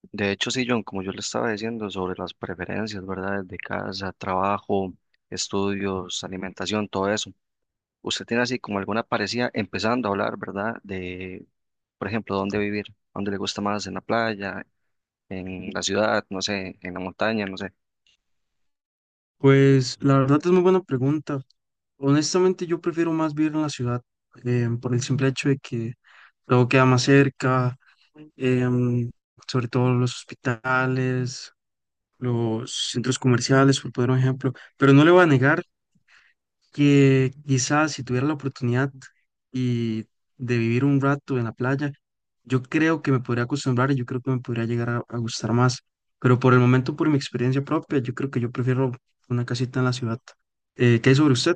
De hecho, sí, John, como yo le estaba diciendo sobre las preferencias, ¿verdad? De casa, trabajo, estudios, alimentación, todo eso. ¿Usted tiene así como alguna parecida empezando a hablar, ¿verdad? De, por ejemplo, dónde vivir, dónde le gusta más, en la playa, en la ciudad, no sé, en la montaña, no sé. Pues la verdad es muy buena pregunta. Honestamente yo prefiero más vivir en la ciudad por el simple hecho de que todo queda más cerca, em, sobre todo los hospitales, los centros comerciales, por poner un ejemplo. Pero no le voy a negar que quizás si tuviera la oportunidad y de vivir un rato en la playa, yo creo que me podría acostumbrar y yo creo que me podría llegar a gustar más. Pero por el momento, por mi experiencia propia, yo creo que yo prefiero una casita en la ciudad. ¿Qué hay sobre usted?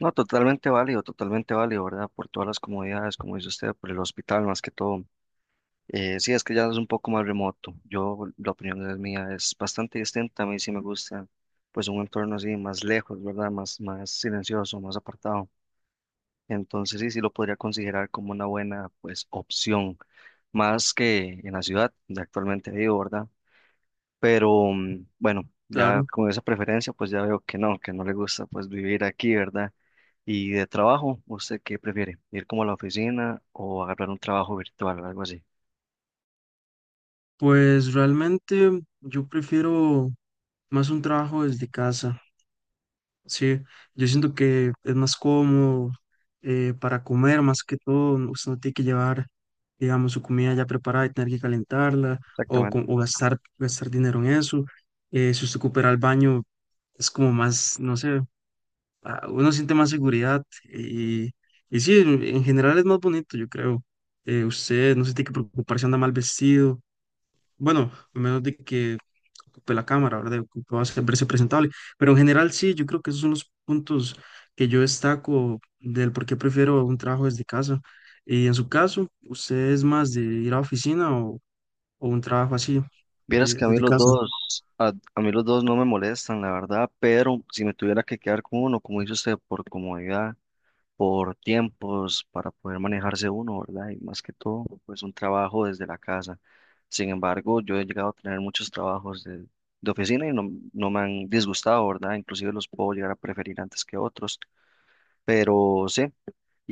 No, totalmente válido, ¿verdad? Por todas las comodidades, como dice usted, por el hospital más que todo. Sí, es que ya es un poco más remoto. Yo, la opinión es mía, es bastante distinta. A mí sí me gusta, pues, un entorno así más lejos, ¿verdad? Más silencioso, más apartado. Entonces, sí, sí lo podría considerar como una buena, pues, opción, más que en la ciudad donde actualmente vivo, ¿verdad? Pero, bueno, ya Claro, con esa preferencia, pues ya veo que no le gusta, pues, vivir aquí, ¿verdad? Y de trabajo, ¿usted qué prefiere? ¿Ir como a la oficina o agarrar un trabajo virtual, algo así? pues realmente yo prefiero más un trabajo desde casa. Sí, yo siento que es más cómodo, para comer, más que todo, usted no tiene que llevar, digamos, su comida ya preparada y tener que calentarla o, Exactamente. o gastar, dinero en eso. Si usted coopera al baño, es como más, no sé, ah, uno siente más seguridad y sí, en general es más bonito, yo creo. Usted no se tiene que preocupar si anda mal vestido, bueno, a menos de que ocupe la cámara, ¿verdad? Ocupe verse presentable. Pero en general sí, yo creo que esos son los puntos que yo destaco del por qué prefiero un trabajo desde casa. Y en su caso, ¿usted es más de ir a oficina o un trabajo así, Vieras que a mí desde los casa? dos, a mí los dos no me molestan, la verdad, pero si me tuviera que quedar con uno, como dice usted, por comodidad, por tiempos, para poder manejarse uno, ¿verdad? Y más que todo, pues un trabajo desde la casa. Sin embargo, yo he llegado a tener muchos trabajos de oficina y no, no me han disgustado, ¿verdad? Inclusive los puedo llegar a preferir antes que otros, pero sí,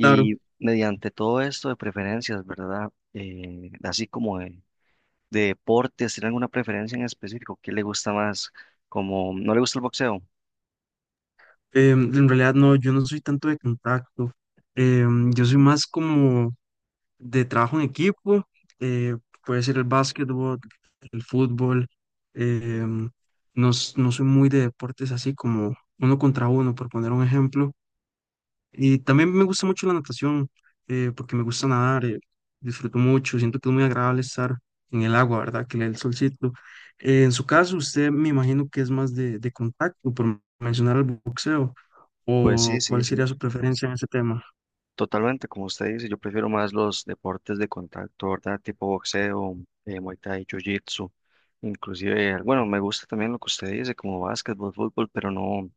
Claro, mediante todo esto de preferencias, ¿verdad? Así como de deportes, ¿tiene alguna preferencia en específico? ¿Qué le gusta más? Como no le gusta el boxeo, en realidad no, yo no soy tanto de contacto. Yo soy más como de trabajo en equipo, eh, puede ser el básquetbol, el fútbol. em, no, no soy muy de deportes así como uno contra uno, por poner un ejemplo. Y también me gusta mucho la natación, porque me gusta nadar, disfruto mucho, siento que es muy agradable estar en el agua, ¿verdad? Que le dé el solcito. En su caso, usted me imagino que es más de contacto, por mencionar el boxeo, pues sí, o sí, cuál sí, sería su preferencia en ese tema. totalmente, como usted dice, yo prefiero más los deportes de contacto, ¿verdad? Tipo boxeo, Muay Thai, Jiu-Jitsu, inclusive, bueno, me gusta también lo que usted dice, como básquetbol, fútbol, pero no,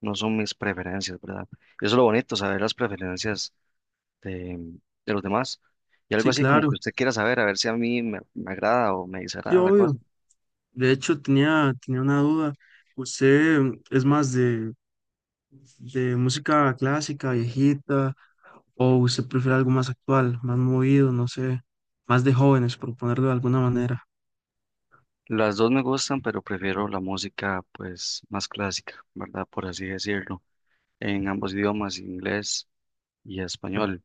no son mis preferencias, ¿verdad? Y eso es lo bonito, saber las preferencias de, de los demás. Y algo Sí, así como claro, que usted quiera saber, a ver si a mí me agrada o me sí, desagrada la cosa. obvio. De hecho, tenía una duda. ¿Usted es más de música clásica, viejita, o usted prefiere algo más actual, más movido, no sé, más de jóvenes, por ponerlo de alguna manera? Las dos me gustan, pero prefiero la música pues más clásica, ¿verdad? Por así decirlo, en ambos idiomas, inglés y español.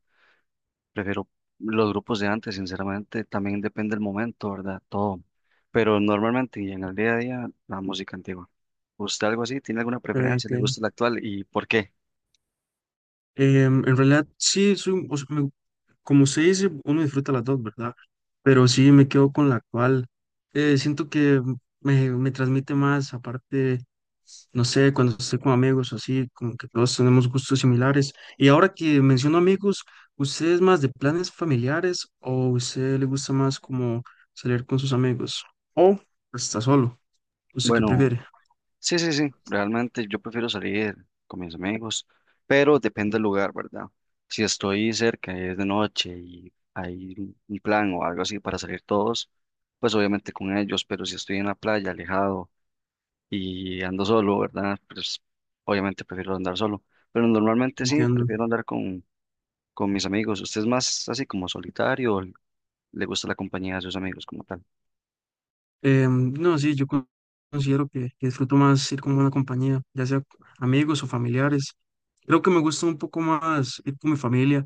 Prefiero los grupos de antes, sinceramente, también depende del momento, ¿verdad? Todo. Pero normalmente y en el día a día, la música antigua. ¿Usted algo así? ¿Tiene alguna Ok, preferencia? ok. ¿Le gusta la actual? ¿Y por qué? En realidad, sí, soy, o sea, me, como se dice, uno disfruta las dos, ¿verdad? Pero sí me quedo con la cual siento que me transmite más, aparte, no sé, cuando estoy con amigos o así, como que todos tenemos gustos similares. Y ahora que menciono amigos, ¿usted es más de planes familiares o usted le gusta más como salir con sus amigos? ¿O está solo? ¿Usted qué Bueno, prefiere? sí, sí, sí, realmente yo prefiero salir con mis amigos, pero depende del lugar, ¿verdad? Si estoy cerca y es de noche y hay un plan o algo así para salir todos, pues obviamente con ellos, pero si estoy en la playa, alejado y ando solo, ¿verdad? Pues obviamente prefiero andar solo, pero normalmente sí, Entiendo. prefiero andar con mis amigos. ¿Usted es más así como solitario o le gusta la compañía de sus amigos como tal? No, sí, considero que disfruto más ir con buena compañía, ya sea amigos o familiares. Creo que me gusta un poco más ir con mi familia,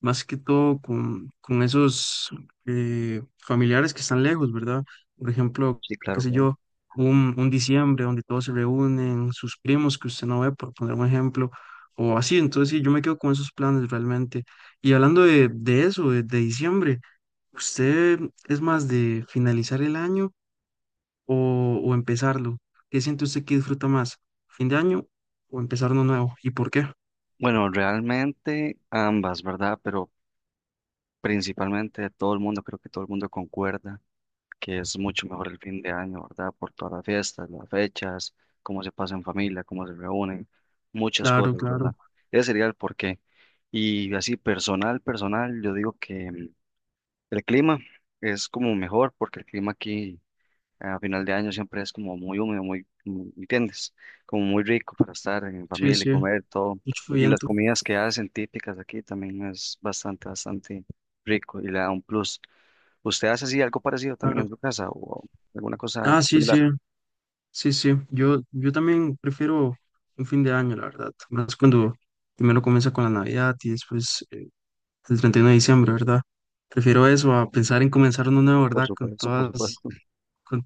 más que todo con esos familiares que están lejos, ¿verdad? Por ejemplo, Sí, qué claro, sé claro. yo, un diciembre donde todos se reúnen, sus primos que usted no ve, por poner un ejemplo, o así. Entonces, sí, yo me quedo con esos planes realmente. Y hablando de eso, de diciembre, ¿usted es más de finalizar el año o empezarlo? ¿Qué siente usted que disfruta más? ¿Fin de año o empezar uno nuevo? ¿Y por qué? Bueno, realmente ambas, ¿verdad? Pero principalmente todo el mundo, creo que todo el mundo concuerda que es mucho mejor el fin de año, ¿verdad? Por todas las fiestas, las fechas, cómo se pasa en familia, cómo se reúnen, muchas Claro, cosas, claro. ¿verdad? Ese sería el porqué. Y así personal, personal, yo digo que el clima es como mejor porque el clima aquí a final de año siempre es como muy húmedo, muy- ¿me ¿entiendes? Como muy rico para estar en Sí, familia y sí, comer todo. mucho Y las viento, comidas que hacen típicas aquí también es bastante, bastante rico y le da un plus. ¿Usted hace así algo parecido también claro. en su casa o alguna cosa Ah, sí, similar? sí, sí, sí. Yo también prefiero un fin de año, la verdad. Más cuando primero comienza con la Navidad y después el 31 de diciembre, ¿verdad? Prefiero eso a pensar en comenzar uno nuevo, Por ¿verdad? Con supuesto, por todas, supuesto. con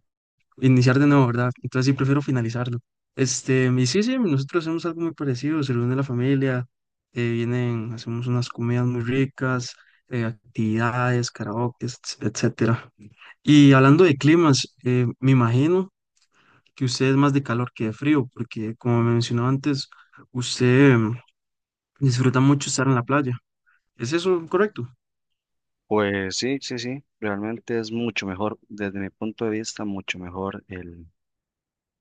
iniciar de nuevo, ¿verdad? Entonces sí prefiero finalizarlo. Este, y sí, sí, nosotros hacemos algo muy parecido, se reúne la familia, vienen, hacemos unas comidas muy ricas, actividades, karaoke, etcétera. Y hablando de climas, me imagino que usted es más de calor que de frío, porque como me mencionó antes, usted disfruta mucho estar en la playa. ¿Es eso correcto? Pues sí, sí, sí, realmente es mucho mejor, desde mi punto de vista, mucho mejor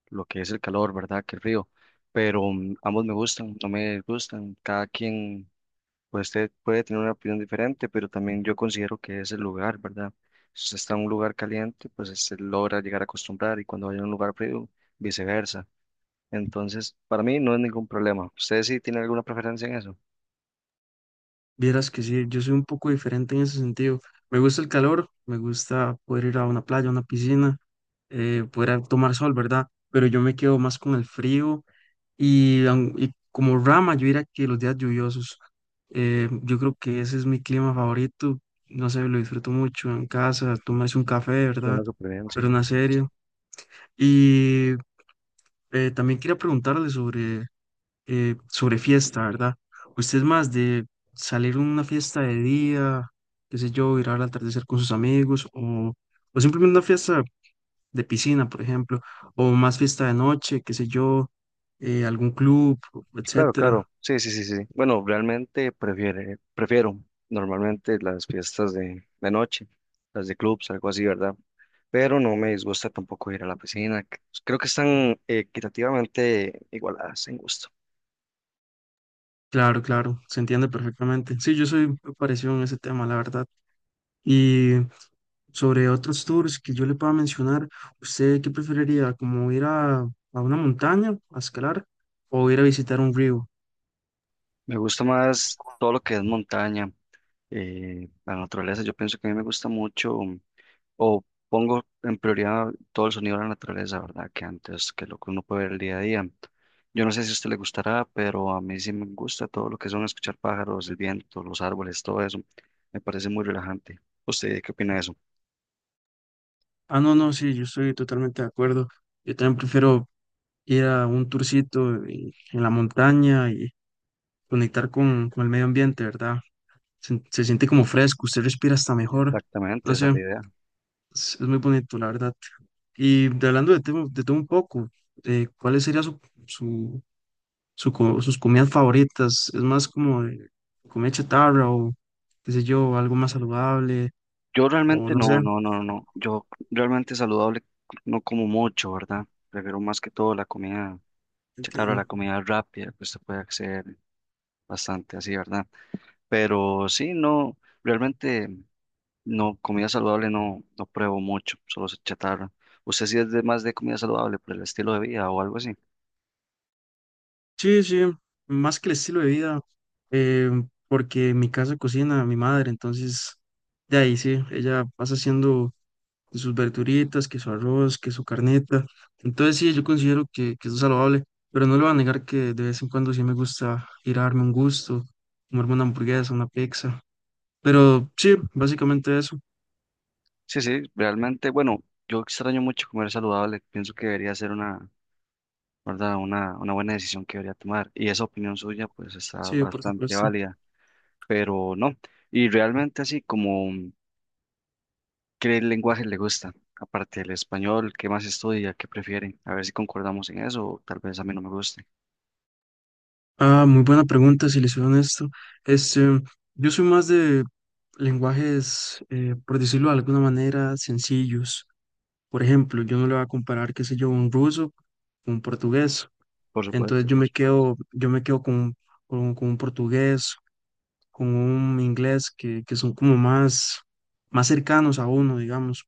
lo que es el calor, ¿verdad? Que el frío. Pero ambos me gustan, no me gustan, cada quien pues usted puede tener una opinión diferente, pero también yo considero que es el lugar, ¿verdad? Si usted está en un lugar caliente, pues se logra llegar a acostumbrar y cuando vaya a un lugar frío, viceversa. Entonces, para mí no es ningún problema. ¿Usted sí tiene alguna preferencia en eso? Vieras que sí, yo soy un poco diferente en ese sentido. Me gusta el calor, me gusta poder ir a una playa, a una piscina, tomar sol, ¿verdad? Pero yo me quedo más con el frío y, y como rama, yo diría que los días lluviosos, yo creo que ese es mi clima favorito. No sé, lo disfruto mucho en casa, tomarse un café, Suena ¿verdad? súper bien, sí. Pero una serie. Y también quería preguntarle sobre sobre fiesta, ¿verdad? Usted es más de salir a una fiesta de día, qué sé yo, ir al atardecer con sus amigos, o simplemente una fiesta de piscina, por ejemplo, o más fiesta de noche, qué sé yo, algún club, Claro, etcétera. claro. Sí, sí, sí, sí. Bueno, realmente prefiere, prefiero normalmente las fiestas de noche, las de clubs, algo así, ¿verdad? Pero no me disgusta tampoco ir a la piscina. Creo que están equitativamente igualadas en gusto. Claro, claro, se entiende perfectamente. Sí, yo soy muy parecido en ese tema, la verdad. Y sobre otros tours que yo le pueda mencionar, ¿usted qué preferiría? ¿Como ir a una montaña a escalar o ir a visitar un río? Me gusta más todo lo que es montaña, la naturaleza. Yo pienso que a mí me gusta mucho, o pongo en prioridad todo el sonido de la naturaleza, ¿verdad? Que antes que lo que uno puede ver el día a día. Yo no sé si a usted le gustará, pero a mí sí me gusta todo lo que son escuchar pájaros, el viento, los árboles, todo eso. Me parece muy relajante. ¿Usted qué opina de eso? Ah, no, no, sí, yo estoy totalmente de acuerdo. Yo también prefiero ir a un tourcito en la montaña y conectar con el medio ambiente, ¿verdad? Se siente como fresco, usted respira hasta mejor. Exactamente, No sé, esa es la idea. Es muy bonito, la verdad. Y hablando de todo un poco, ¿cuáles serían su, su, sus comidas favoritas? ¿Es más como de comida chatarra o, qué sé yo, algo más saludable? Yo O realmente no sé, no, no, no, no. Yo realmente saludable no como mucho, ¿verdad? Prefiero más que todo la comida chatarra, la entiendo. comida rápida, pues se puede hacer bastante así, ¿verdad? Pero sí, no, realmente no, comida saludable no, no pruebo mucho, solo se chatarra. ¿Usted sí es de más de comida saludable por el estilo de vida o algo así? Sí, sí, más que el estilo de vida, eh, porque en mi casa cocina mi madre, entonces de ahí sí, ella pasa haciendo sus verduritas, que su arroz, que su carnita, entonces sí, yo considero que eso es saludable, pero no le voy a negar que de vez en cuando sí me gusta ir a darme un gusto, comerme una hamburguesa, una pizza, pero sí, básicamente eso, Sí, sí, realmente, bueno, yo extraño mucho comer saludable, pienso que debería ser una ¿verdad? Una buena decisión que debería tomar. Y esa opinión suya, pues, está sí, por bastante supuesto. válida, pero no. Y realmente así como, ¿qué lenguaje le gusta? Aparte del español, ¿qué más estudia? ¿Qué prefiere? A ver si concordamos en eso, o tal vez a mí no me guste. Ah, muy buena pregunta, si les soy honesto, este, yo soy más de lenguajes, por decirlo de alguna manera, sencillos. Por ejemplo, yo no le voy a comparar, qué sé yo, un ruso con un portugués. Por Entonces supuesto. Sí. Yo me quedo con un portugués, con un inglés que son como más, más cercanos a uno, digamos.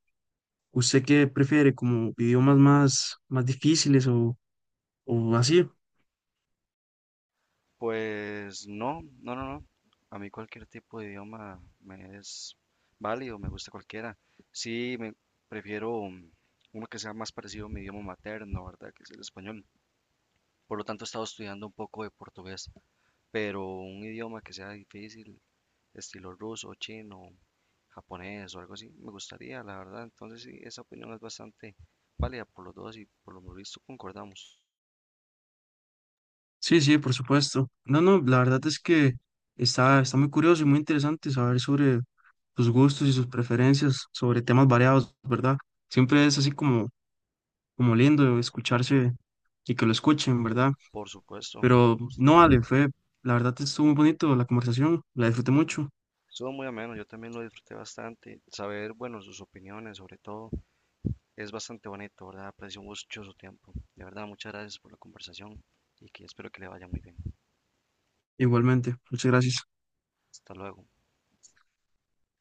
¿Usted qué prefiere, como idiomas más, más difíciles o así? Pues no, no, no, no. A mí cualquier tipo de idioma me es válido, me gusta cualquiera. Sí, me prefiero uno que sea más parecido a mi idioma materno, ¿verdad? Que es el español. Por lo tanto, he estado estudiando un poco de portugués pero un idioma que sea difícil, estilo ruso, chino, japonés o algo así, me gustaría, la verdad. Entonces sí, esa opinión es bastante válida por los dos y por lo visto concordamos. Sí, sí, por supuesto. No, no, la verdad es que está, está muy curioso y muy interesante saber sobre sus gustos y sus preferencias, sobre temas variados, ¿verdad? Siempre es así como, como lindo escucharse y que lo escuchen, ¿verdad? Por supuesto, Pero no, Ale, fue, la verdad estuvo muy bonito la conversación, la disfruté mucho, estuvo muy ameno, yo también lo disfruté bastante. Saber, bueno, sus opiniones sobre todo es bastante bonito, ¿verdad? Aprecio mucho su tiempo. De verdad, muchas gracias por la conversación y que espero que le vaya muy bien. igualmente. Muchas gracias. Hasta luego.